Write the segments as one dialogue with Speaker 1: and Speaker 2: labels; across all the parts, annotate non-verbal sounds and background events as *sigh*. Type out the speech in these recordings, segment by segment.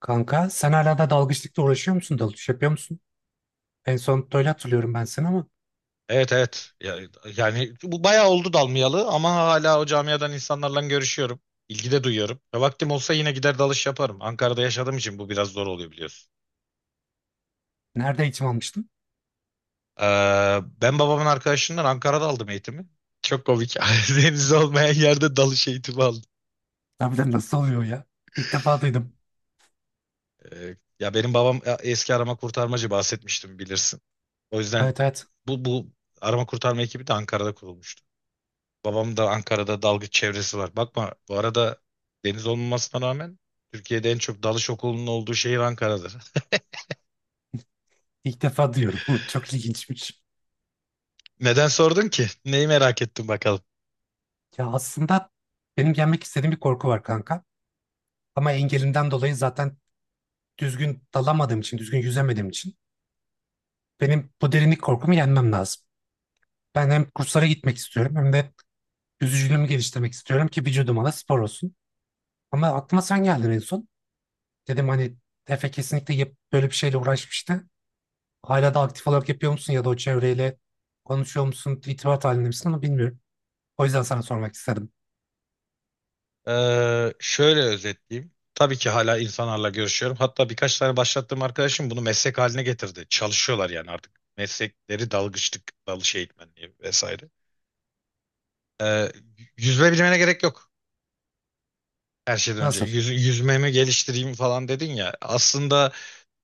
Speaker 1: Kanka sen hala da dalgıçlıkla uğraşıyor musun? Dalış yapıyor musun? En son öyle hatırlıyorum ben seni ama
Speaker 2: Evet evet. Yani bu bayağı oldu dalmayalı ama hala o camiadan insanlarla görüşüyorum. İlgi de duyuyorum. Ya vaktim olsa yine gider dalış yaparım. Ankara'da yaşadığım için bu biraz zor oluyor biliyorsun.
Speaker 1: nerede eğitim almıştın?
Speaker 2: Ben babamın arkadaşından Ankara'da aldım eğitimi. Çok komik. *laughs* Deniz olmayan yerde dalış eğitimi aldım.
Speaker 1: Harbiden nasıl oluyor ya? İlk defa duydum.
Speaker 2: Ya benim babam eski arama kurtarmacı bahsetmiştim bilirsin. O yüzden
Speaker 1: Evet, evet,
Speaker 2: bu arama kurtarma ekibi de Ankara'da kurulmuştu. Babam da Ankara'da dalgıç çevresi var. Bakma bu arada deniz olmamasına rağmen Türkiye'de en çok dalış okulunun olduğu şehir Ankara'dır.
Speaker 1: ilk defa diyorum. *laughs* Çok ilginçmiş.
Speaker 2: *laughs* Neden sordun ki? Neyi merak ettin bakalım.
Speaker 1: Ya aslında benim yenmek istediğim bir korku var kanka. Ama engelimden dolayı zaten düzgün dalamadığım için, düzgün yüzemediğim için benim bu derinlik korkumu yenmem lazım. Ben hem kurslara gitmek istiyorum hem de yüzücülüğümü geliştirmek istiyorum ki vücuduma da spor olsun. Ama aklıma sen geldin en son. Dedim hani Efe kesinlikle böyle bir şeyle uğraşmıştı. Hala da aktif olarak yapıyor musun ya da o çevreyle konuşuyor musun, irtibat halinde misin ama bilmiyorum. O yüzden sana sormak istedim.
Speaker 2: Şöyle özetleyeyim. Tabii ki hala insanlarla görüşüyorum. Hatta birkaç tane başlattığım arkadaşım bunu meslek haline getirdi. Çalışıyorlar yani artık. Meslekleri dalgıçlık, dalış eğitmenliği vesaire. Ee, Yüzme bilmene gerek yok. Her şeyden önce
Speaker 1: Nasıl?
Speaker 2: yüzmemi geliştireyim falan dedin ya. Aslında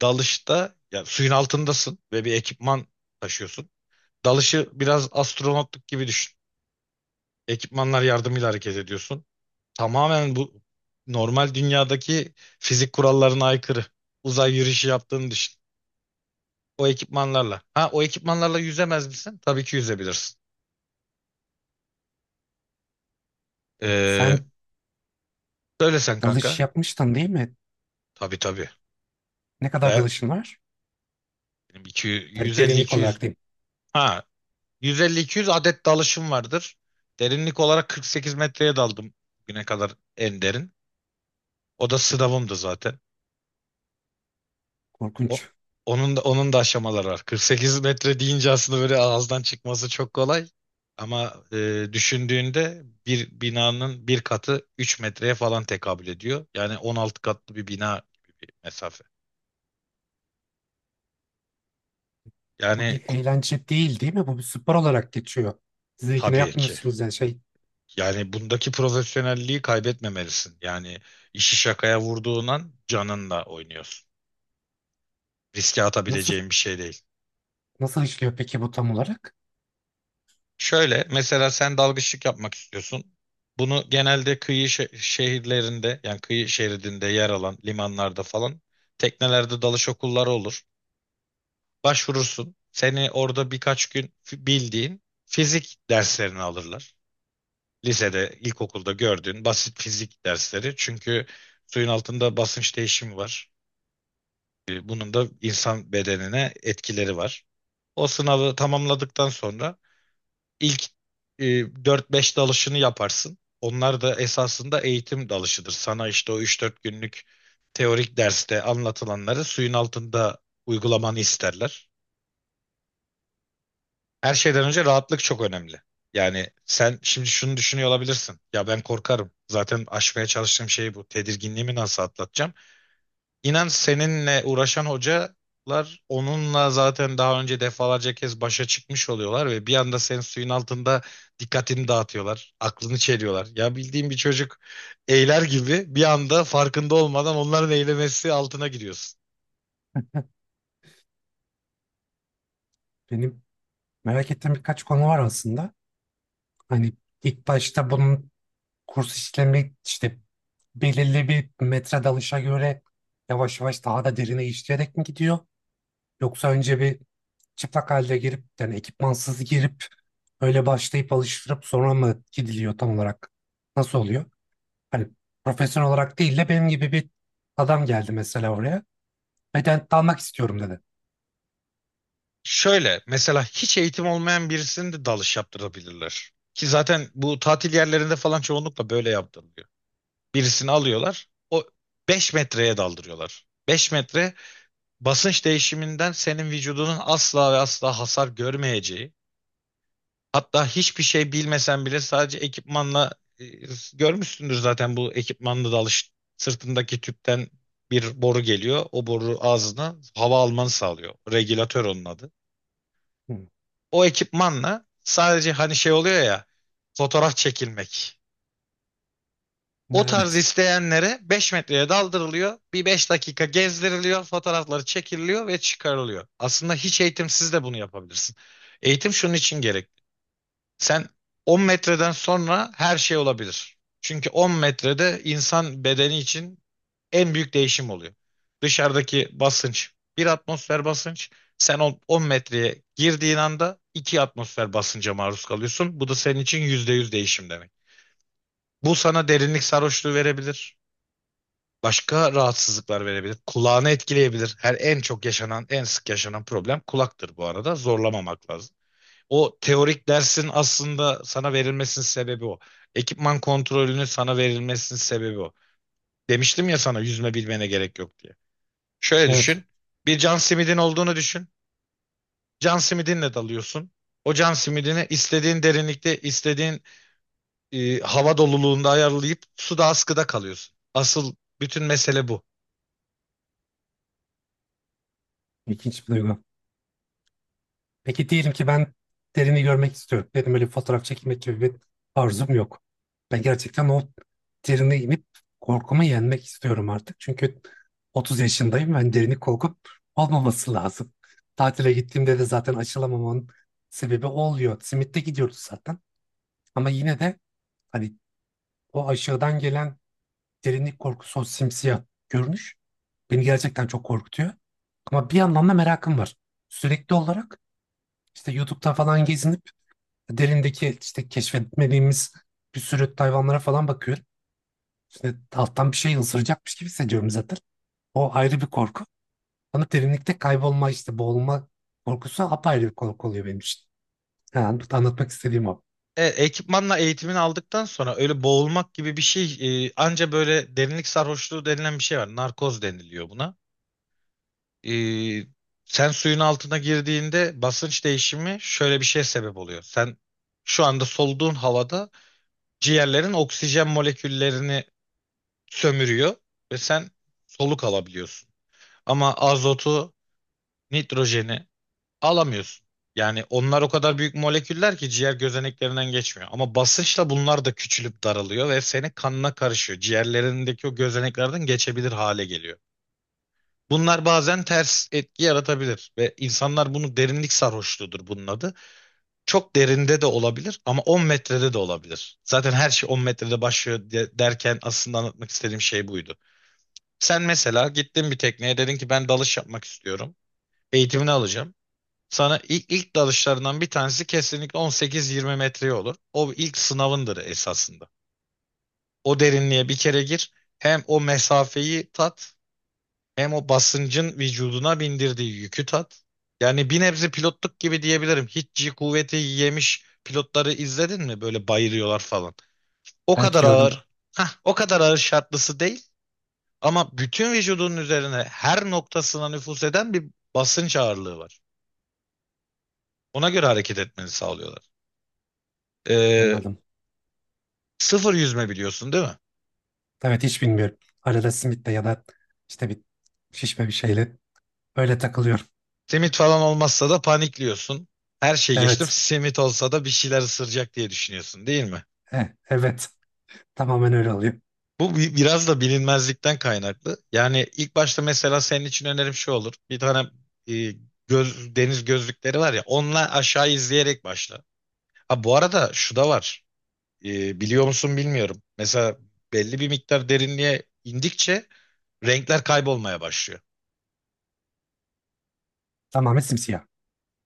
Speaker 2: dalışta ya suyun altındasın ve bir ekipman taşıyorsun. Dalışı biraz astronotluk gibi düşün. Ekipmanlar yardımıyla hareket ediyorsun. Tamamen bu normal dünyadaki fizik kurallarına aykırı. Uzay yürüyüşü yaptığını düşün. O ekipmanlarla. Ha o ekipmanlarla yüzemez misin? Tabii ki yüzebilirsin. Ee,
Speaker 1: Sen
Speaker 2: Söyle sen kanka.
Speaker 1: dalış yapmıştın değil mi?
Speaker 2: Tabii tabii.
Speaker 1: Ne kadar
Speaker 2: Ben
Speaker 1: dalışın var?
Speaker 2: benim
Speaker 1: Yani
Speaker 2: 250-200
Speaker 1: derinlik olarak diyeyim.
Speaker 2: ha 150-200 adet dalışım vardır. Derinlik olarak 48 metreye daldım güne kadar en derin. O da sınavımdı zaten. O,
Speaker 1: Korkunç.
Speaker 2: onun da onun da aşamaları var. 48 metre deyince aslında böyle ağızdan çıkması çok kolay. Ama düşündüğünde bir binanın bir katı 3 metreye falan tekabül ediyor. Yani 16 katlı bir bina gibi bir mesafe.
Speaker 1: Bu
Speaker 2: Yani
Speaker 1: bir eğlence değil değil mi? Bu bir spor olarak geçiyor. Siz ikine
Speaker 2: tabii ki.
Speaker 1: yapmıyorsunuz yani şey,
Speaker 2: Yani bundaki profesyonelliği kaybetmemelisin. Yani işi şakaya vurduğun an canınla oynuyorsun. Riske
Speaker 1: nasıl
Speaker 2: atabileceğim bir şey değil.
Speaker 1: nasıl işliyor peki bu tam olarak?
Speaker 2: Şöyle mesela sen dalgıçlık yapmak istiyorsun. Bunu genelde kıyı şehirlerinde yani kıyı şeridinde yer alan limanlarda falan teknelerde dalış okulları olur. Başvurursun. Seni orada birkaç gün bildiğin fizik derslerini alırlar. Lisede, ilkokulda gördüğün basit fizik dersleri. Çünkü suyun altında basınç değişimi var. Bunun da insan bedenine etkileri var. O sınavı tamamladıktan sonra İlk e, 4-5 dalışını yaparsın. Onlar da esasında eğitim dalışıdır. Sana işte o 3-4 günlük teorik derste anlatılanları suyun altında uygulamanı isterler. Her şeyden önce rahatlık çok önemli. Yani sen şimdi şunu düşünüyor olabilirsin. Ya ben korkarım. Zaten aşmaya çalıştığım şey bu. Tedirginliğimi nasıl atlatacağım? İnan seninle uğraşan hocalar onunla zaten daha önce defalarca kez başa çıkmış oluyorlar ve bir anda senin suyun altında dikkatini dağıtıyorlar, aklını çeliyorlar. Ya bildiğin bir çocuk eyler gibi bir anda farkında olmadan onların eylemesi altına giriyorsun.
Speaker 1: Benim merak ettiğim birkaç konu var aslında. Hani ilk başta bunun kurs işlemi işte belirli bir metre dalışa göre yavaş yavaş daha da derine işleyerek mi gidiyor? Yoksa önce bir çıplak halde girip yani ekipmansız girip öyle başlayıp alıştırıp sonra mı gidiliyor tam olarak? Nasıl oluyor? Hani profesyonel olarak değil de benim gibi bir adam geldi mesela oraya. Beden dalmak istiyorum dedi.
Speaker 2: Şöyle mesela hiç eğitim olmayan birisini de dalış yaptırabilirler. Ki zaten bu tatil yerlerinde falan çoğunlukla böyle yaptırılıyor. Birisini alıyorlar, o 5 metreye daldırıyorlar. 5 metre basınç değişiminden senin vücudunun asla ve asla hasar görmeyeceği, hatta hiçbir şey bilmesen bile sadece ekipmanla e, görmüşsündür zaten bu ekipmanla da alış sırtındaki tüpten bir boru geliyor. O boru ağzına hava almanı sağlıyor. Regülatör onun adı.
Speaker 1: Hı.
Speaker 2: O ekipmanla sadece hani şey oluyor ya fotoğraf çekilmek. O tarz
Speaker 1: Evet.
Speaker 2: isteyenlere 5 metreye daldırılıyor. Bir 5 dakika gezdiriliyor. Fotoğrafları çekiliyor ve çıkarılıyor. Aslında hiç eğitimsiz de bunu yapabilirsin. Eğitim şunun için gerekli. Sen 10 metreden sonra her şey olabilir. Çünkü 10 metrede insan bedeni için en büyük değişim oluyor. Dışarıdaki basınç bir atmosfer basınç. Sen 10 metreye girdiğin anda 2 atmosfer basınca maruz kalıyorsun. Bu da senin için %100 değişim demek. Bu sana derinlik sarhoşluğu verebilir. Başka rahatsızlıklar verebilir. Kulağını etkileyebilir. Her en çok yaşanan, en sık yaşanan problem kulaktır bu arada. Zorlamamak lazım. O teorik dersin aslında sana verilmesinin sebebi o. Ekipman kontrolünün sana verilmesinin sebebi o. Demiştim ya sana yüzme bilmene gerek yok diye. Şöyle
Speaker 1: Evet.
Speaker 2: düşün. Bir can simidin olduğunu düşün. Can simidinle dalıyorsun. O can simidini istediğin derinlikte, istediğin hava doluluğunda ayarlayıp suda askıda kalıyorsun. Asıl bütün mesele bu.
Speaker 1: İlginç bir duygu. Peki diyelim ki ben derini görmek istiyorum. Benim öyle bir fotoğraf çekmek gibi bir arzum yok. Ben gerçekten o derine inip korkumu yenmek istiyorum artık. Çünkü 30 yaşındayım. Ben derini korkup olmaması lazım. Tatile gittiğimde de zaten aşılamamamın sebebi oluyor. Simit'te gidiyoruz zaten. Ama yine de hani o aşağıdan gelen derinlik korkusu, o simsiyah görünüş beni gerçekten çok korkutuyor. Ama bir yandan da merakım var. Sürekli olarak işte YouTube'da falan gezinip derindeki işte keşfetmediğimiz bir sürü hayvanlara falan bakıyorum. İşte alttan bir şey ısıracakmış gibi hissediyorum zaten. O ayrı bir korku. Ama derinlikte kaybolma işte boğulma korkusu apayrı bir korku oluyor benim için. Yani anlatmak istediğim o.
Speaker 2: Evet, ekipmanla eğitimini aldıktan sonra öyle boğulmak gibi bir şey anca böyle derinlik sarhoşluğu denilen bir şey var. Narkoz deniliyor buna. E, Sen suyun altına girdiğinde basınç değişimi şöyle bir şeye sebep oluyor. Sen şu anda soluduğun havada ciğerlerin oksijen moleküllerini sömürüyor ve sen soluk alabiliyorsun. Ama azotu, nitrojeni alamıyorsun. Yani onlar o kadar büyük moleküller ki ciğer gözeneklerinden geçmiyor. Ama basınçla bunlar da küçülüp daralıyor ve senin kanına karışıyor. Ciğerlerindeki o gözeneklerden geçebilir hale geliyor. Bunlar bazen ters etki yaratabilir ve insanlar bunu derinlik sarhoşluğudur bunun adı. Çok derinde de olabilir ama 10 metrede de olabilir. Zaten her şey 10 metrede başlıyor derken aslında anlatmak istediğim şey buydu. Sen mesela gittin bir tekneye dedin ki ben dalış yapmak istiyorum. Eğitimini alacağım. Sana ilk dalışlarından bir tanesi kesinlikle 18-20 metreye olur. O ilk sınavındır esasında. O derinliğe bir kere gir. Hem o mesafeyi tat, hem o basıncın vücuduna bindirdiği yükü tat. Yani bir nebze pilotluk gibi diyebilirim. Hiç G kuvveti yemiş pilotları izledin mi? Böyle bayılıyorlar falan. O
Speaker 1: Evet
Speaker 2: kadar
Speaker 1: gördüm.
Speaker 2: ağır. Hah, o kadar ağır şartlısı değil. Ama bütün vücudunun üzerine her noktasına nüfuz eden bir basınç ağırlığı var. Ona göre hareket etmeni sağlıyorlar. Ee,
Speaker 1: Anladım.
Speaker 2: Sıfır yüzme biliyorsun değil mi?
Speaker 1: Evet hiç bilmiyorum. Arada simitle ya da işte bir şişme bir şeyle öyle takılıyorum.
Speaker 2: Simit falan olmazsa da panikliyorsun. Her şey geçtim.
Speaker 1: Evet.
Speaker 2: Simit olsa da bir şeyler ısıracak diye düşünüyorsun değil mi?
Speaker 1: Eh, evet. Tamamen öyle oluyor.
Speaker 2: Biraz da bilinmezlikten kaynaklı. Yani ilk başta mesela senin için önerim şu olur. Bir tane e, deniz gözlükleri var ya onunla aşağı izleyerek başla. Ha bu arada şu da var. Biliyor musun bilmiyorum. Mesela belli bir miktar derinliğe indikçe renkler kaybolmaya başlıyor.
Speaker 1: Tamamen simsiyah.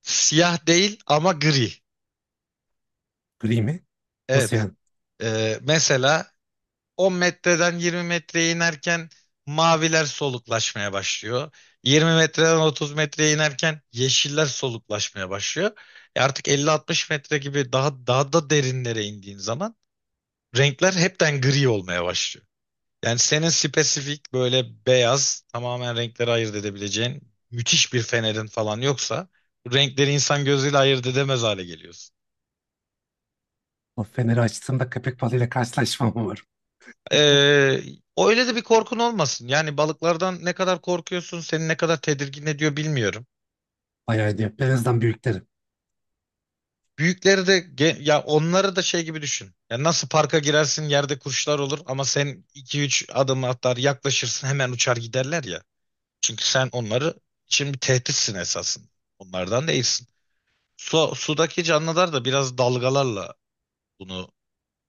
Speaker 2: Siyah değil ama gri.
Speaker 1: Gri mi? Nasıl
Speaker 2: Evet.
Speaker 1: yani?
Speaker 2: Mesela 10 metreden 20 metreye inerken maviler soluklaşmaya başlıyor. 20 metreden 30 metreye inerken yeşiller soluklaşmaya başlıyor. Artık 50-60 metre gibi daha daha da derinlere indiğin zaman renkler hepten gri olmaya başlıyor. Yani senin spesifik böyle beyaz tamamen renkleri ayırt edebileceğin müthiş bir fenerin falan yoksa bu renkleri insan gözüyle ayırt edemez hale geliyorsun.
Speaker 1: O feneri açtığımda köpek balığıyla karşılaşmam umarım.
Speaker 2: Ee, Öyle de bir korkun olmasın. Yani balıklardan ne kadar korkuyorsun, seni ne kadar tedirgin ediyor bilmiyorum.
Speaker 1: Bayağı iyi. Perez'den büyüklerim.
Speaker 2: Büyükleri de ya onları da şey gibi düşün. Ya nasıl parka girersin yerde kuşlar olur ama sen 2-3 adım atar yaklaşırsın hemen uçar giderler ya. Çünkü sen onları için bir tehditsin esasın. Onlardan değilsin. Su, sudaki canlılar da biraz dalgalarla bunu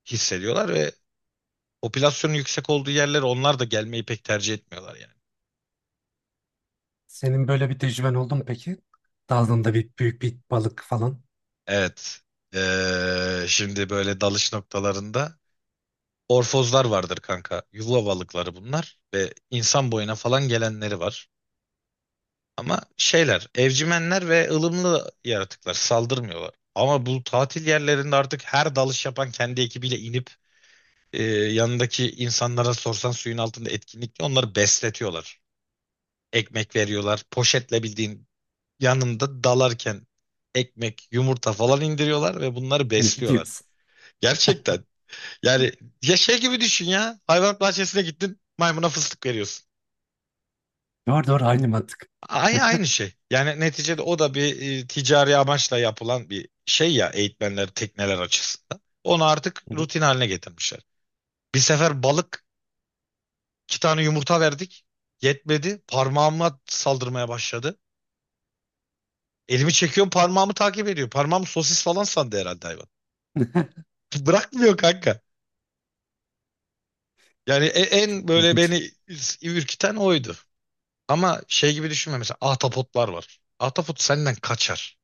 Speaker 2: hissediyorlar ve popülasyonun yüksek olduğu yerlere onlar da gelmeyi pek tercih etmiyorlar yani.
Speaker 1: Senin böyle bir tecrüben oldu mu peki? Daldığında bir büyük bir balık falan.
Speaker 2: Evet. Şimdi böyle dalış noktalarında orfozlar vardır kanka. Yuva balıkları bunlar ve insan boyuna falan gelenleri var. Ama şeyler, evcimenler ve ılımlı yaratıklar saldırmıyorlar. Ama bu tatil yerlerinde artık her dalış yapan kendi ekibiyle inip yanındaki insanlara sorsan suyun altında etkinlikle onları besletiyorlar. Ekmek veriyorlar. Poşetle bildiğin yanında dalarken ekmek, yumurta falan indiriyorlar ve bunları
Speaker 1: *laughs* Ne
Speaker 2: besliyorlar.
Speaker 1: diyorsun?
Speaker 2: Gerçekten. Yani ya şey gibi düşün ya. Hayvanat bahçesine gittin, maymuna fıstık veriyorsun.
Speaker 1: Doğru doğru aynı mantık.
Speaker 2: Aynı şey. Yani neticede o da bir ticari amaçla yapılan bir şey ya eğitmenler, tekneler açısından. Onu artık
Speaker 1: Hı hı.
Speaker 2: rutin haline getirmişler. Bir sefer balık iki tane yumurta verdik. Yetmedi. Parmağıma saldırmaya başladı. Elimi çekiyorum parmağımı takip ediyor. Parmağım sosis falan sandı herhalde hayvan.
Speaker 1: *laughs*
Speaker 2: *laughs* Bırakmıyor kanka. Yani en
Speaker 1: Çok
Speaker 2: böyle
Speaker 1: korkunç.
Speaker 2: beni ürküten oydu. Ama şey gibi düşünme mesela ahtapotlar var. Ahtapot senden kaçar.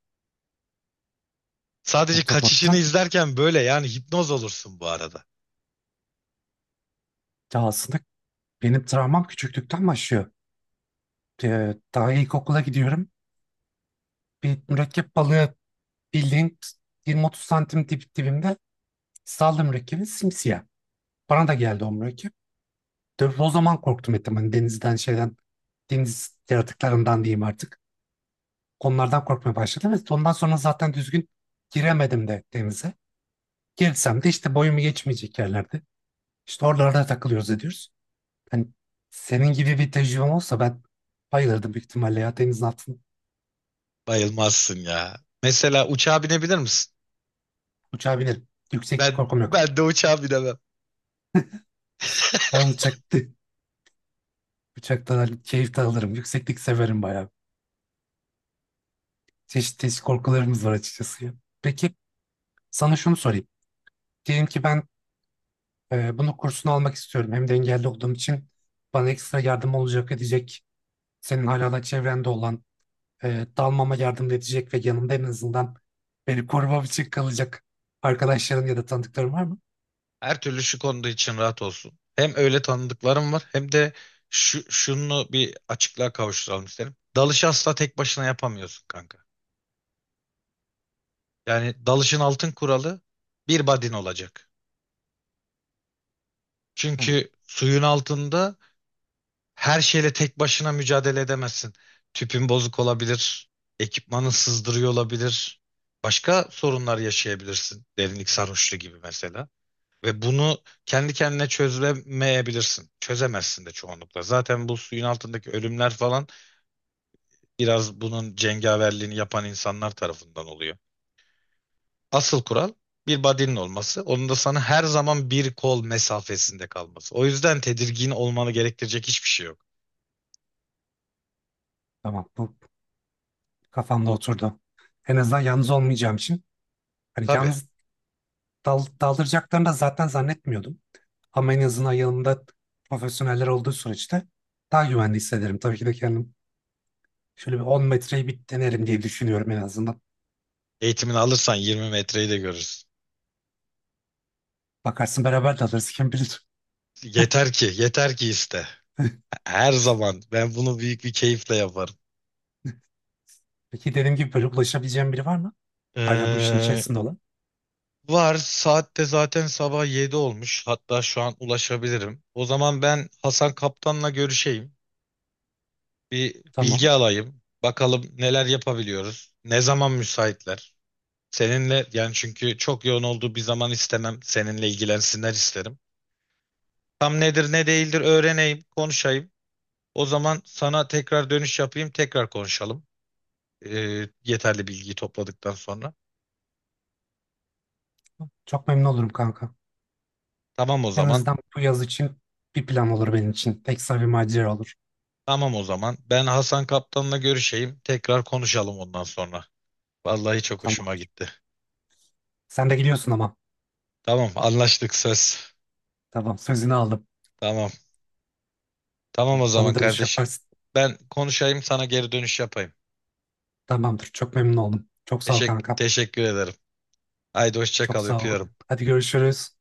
Speaker 2: Sadece kaçışını
Speaker 1: Ahtapottan.
Speaker 2: izlerken böyle yani hipnoz olursun bu arada.
Speaker 1: Ya aslında benim travmam küçüklükten başlıyor. Daha ilkokula gidiyorum. Bir mürekkep balığı bildiğin 20-30 santim dip, dibimde saldı mürekkebi simsiyah. Bana da geldi o mürekkep. Tabii o zaman korktum ettim. Hani denizden şeyden deniz yaratıklarından diyeyim artık. Onlardan korkmaya başladım ve ondan sonra zaten düzgün giremedim de denize. Girsem de işte boyumu geçmeyecek yerlerde. İşte oralarda takılıyoruz ediyoruz. Hani senin gibi bir tecrübem olsa ben bayılırdım büyük ihtimalle ya denizin altında
Speaker 2: Bayılmazsın ya. Mesela uçağa binebilir misin?
Speaker 1: uçağa binerim. Yükseklik
Speaker 2: Ben
Speaker 1: korkum yok.
Speaker 2: ben de uçağa binemem.
Speaker 1: Ben uçakta, *laughs* uçaktan hani keyif de alırım. Yükseklik severim bayağı. Çeşit çeşit korkularımız var açıkçası ya. Peki sana şunu sorayım. Diyelim ki ben bunu kursunu almak istiyorum. Hem de engelli olduğum için bana ekstra yardım olacak edecek senin hala da çevrende olan, dalmama yardım edecek ve yanımda en azından beni korumam için kalacak arkadaşların ya da tanıdıkların var mı?
Speaker 2: Her türlü şu konuda için rahat olsun. Hem öyle tanıdıklarım var hem de şunu bir açıklığa kavuşturalım isterim. Dalışı asla tek başına yapamıyorsun kanka. Yani dalışın altın kuralı bir badin olacak.
Speaker 1: Ha,
Speaker 2: Çünkü suyun altında her şeyle tek başına mücadele edemezsin. Tüpün bozuk olabilir, ekipmanın sızdırıyor olabilir. Başka sorunlar yaşayabilirsin. Derinlik sarhoşluğu gibi mesela. Ve bunu kendi kendine çözemeyebilirsin. Çözemezsin de çoğunlukla. Zaten bu suyun altındaki ölümler falan biraz bunun cengaverliğini yapan insanlar tarafından oluyor. Asıl kural bir body'nin olması. Onun da sana her zaman bir kol mesafesinde kalması. O yüzden tedirgin olmanı gerektirecek hiçbir şey yok.
Speaker 1: tamam bu kafamda oturdu. En azından yalnız olmayacağım için. Hani
Speaker 2: Tabii.
Speaker 1: yalnız daldıracaklarını da zaten zannetmiyordum. Ama en azından yanımda profesyoneller olduğu süreçte daha güvende hissederim. Tabii ki de kendim şöyle bir 10 metreyi bir denerim diye düşünüyorum en azından.
Speaker 2: Eğitimini alırsan 20 metreyi de görürsün.
Speaker 1: Bakarsın beraber dalırız kim bilir.
Speaker 2: Yeter ki, yeter ki iste. Her zaman ben bunu büyük bir keyifle yaparım.
Speaker 1: Peki dediğim gibi böyle ulaşabileceğim biri var mı? Hala bu işin
Speaker 2: Ee,
Speaker 1: içerisinde olan.
Speaker 2: Var saatte zaten sabah 7 olmuş. Hatta şu an ulaşabilirim. O zaman ben Hasan Kaptan'la görüşeyim. Bir
Speaker 1: Tamam.
Speaker 2: bilgi alayım. Bakalım neler yapabiliyoruz. Ne zaman müsaitler? Seninle yani çünkü çok yoğun olduğu bir zaman istemem. Seninle ilgilensinler isterim. Tam nedir ne değildir öğreneyim, konuşayım. O zaman sana tekrar dönüş yapayım, tekrar konuşalım. Yeterli bilgiyi topladıktan sonra.
Speaker 1: Çok memnun olurum kanka.
Speaker 2: Tamam o
Speaker 1: En
Speaker 2: zaman.
Speaker 1: azından bu yaz için bir plan olur benim için. Ekstra bir macera olur.
Speaker 2: Tamam o zaman. Ben Hasan Kaptan'la görüşeyim. Tekrar konuşalım ondan sonra. Vallahi çok
Speaker 1: Tamam.
Speaker 2: hoşuma gitti.
Speaker 1: Sen de gidiyorsun ama.
Speaker 2: Tamam, anlaştık söz.
Speaker 1: Tamam sözünü aldım.
Speaker 2: Tamam. Tamam o zaman
Speaker 1: Bana dönüş
Speaker 2: kardeşim.
Speaker 1: yaparsın.
Speaker 2: Ben konuşayım, sana geri dönüş yapayım.
Speaker 1: Tamamdır. Çok memnun oldum. Çok sağ ol
Speaker 2: Teşekkür,
Speaker 1: kanka.
Speaker 2: teşekkür ederim. Haydi hoşça
Speaker 1: Çok
Speaker 2: kal,
Speaker 1: sağ ol.
Speaker 2: öpüyorum.
Speaker 1: Hadi görüşürüz.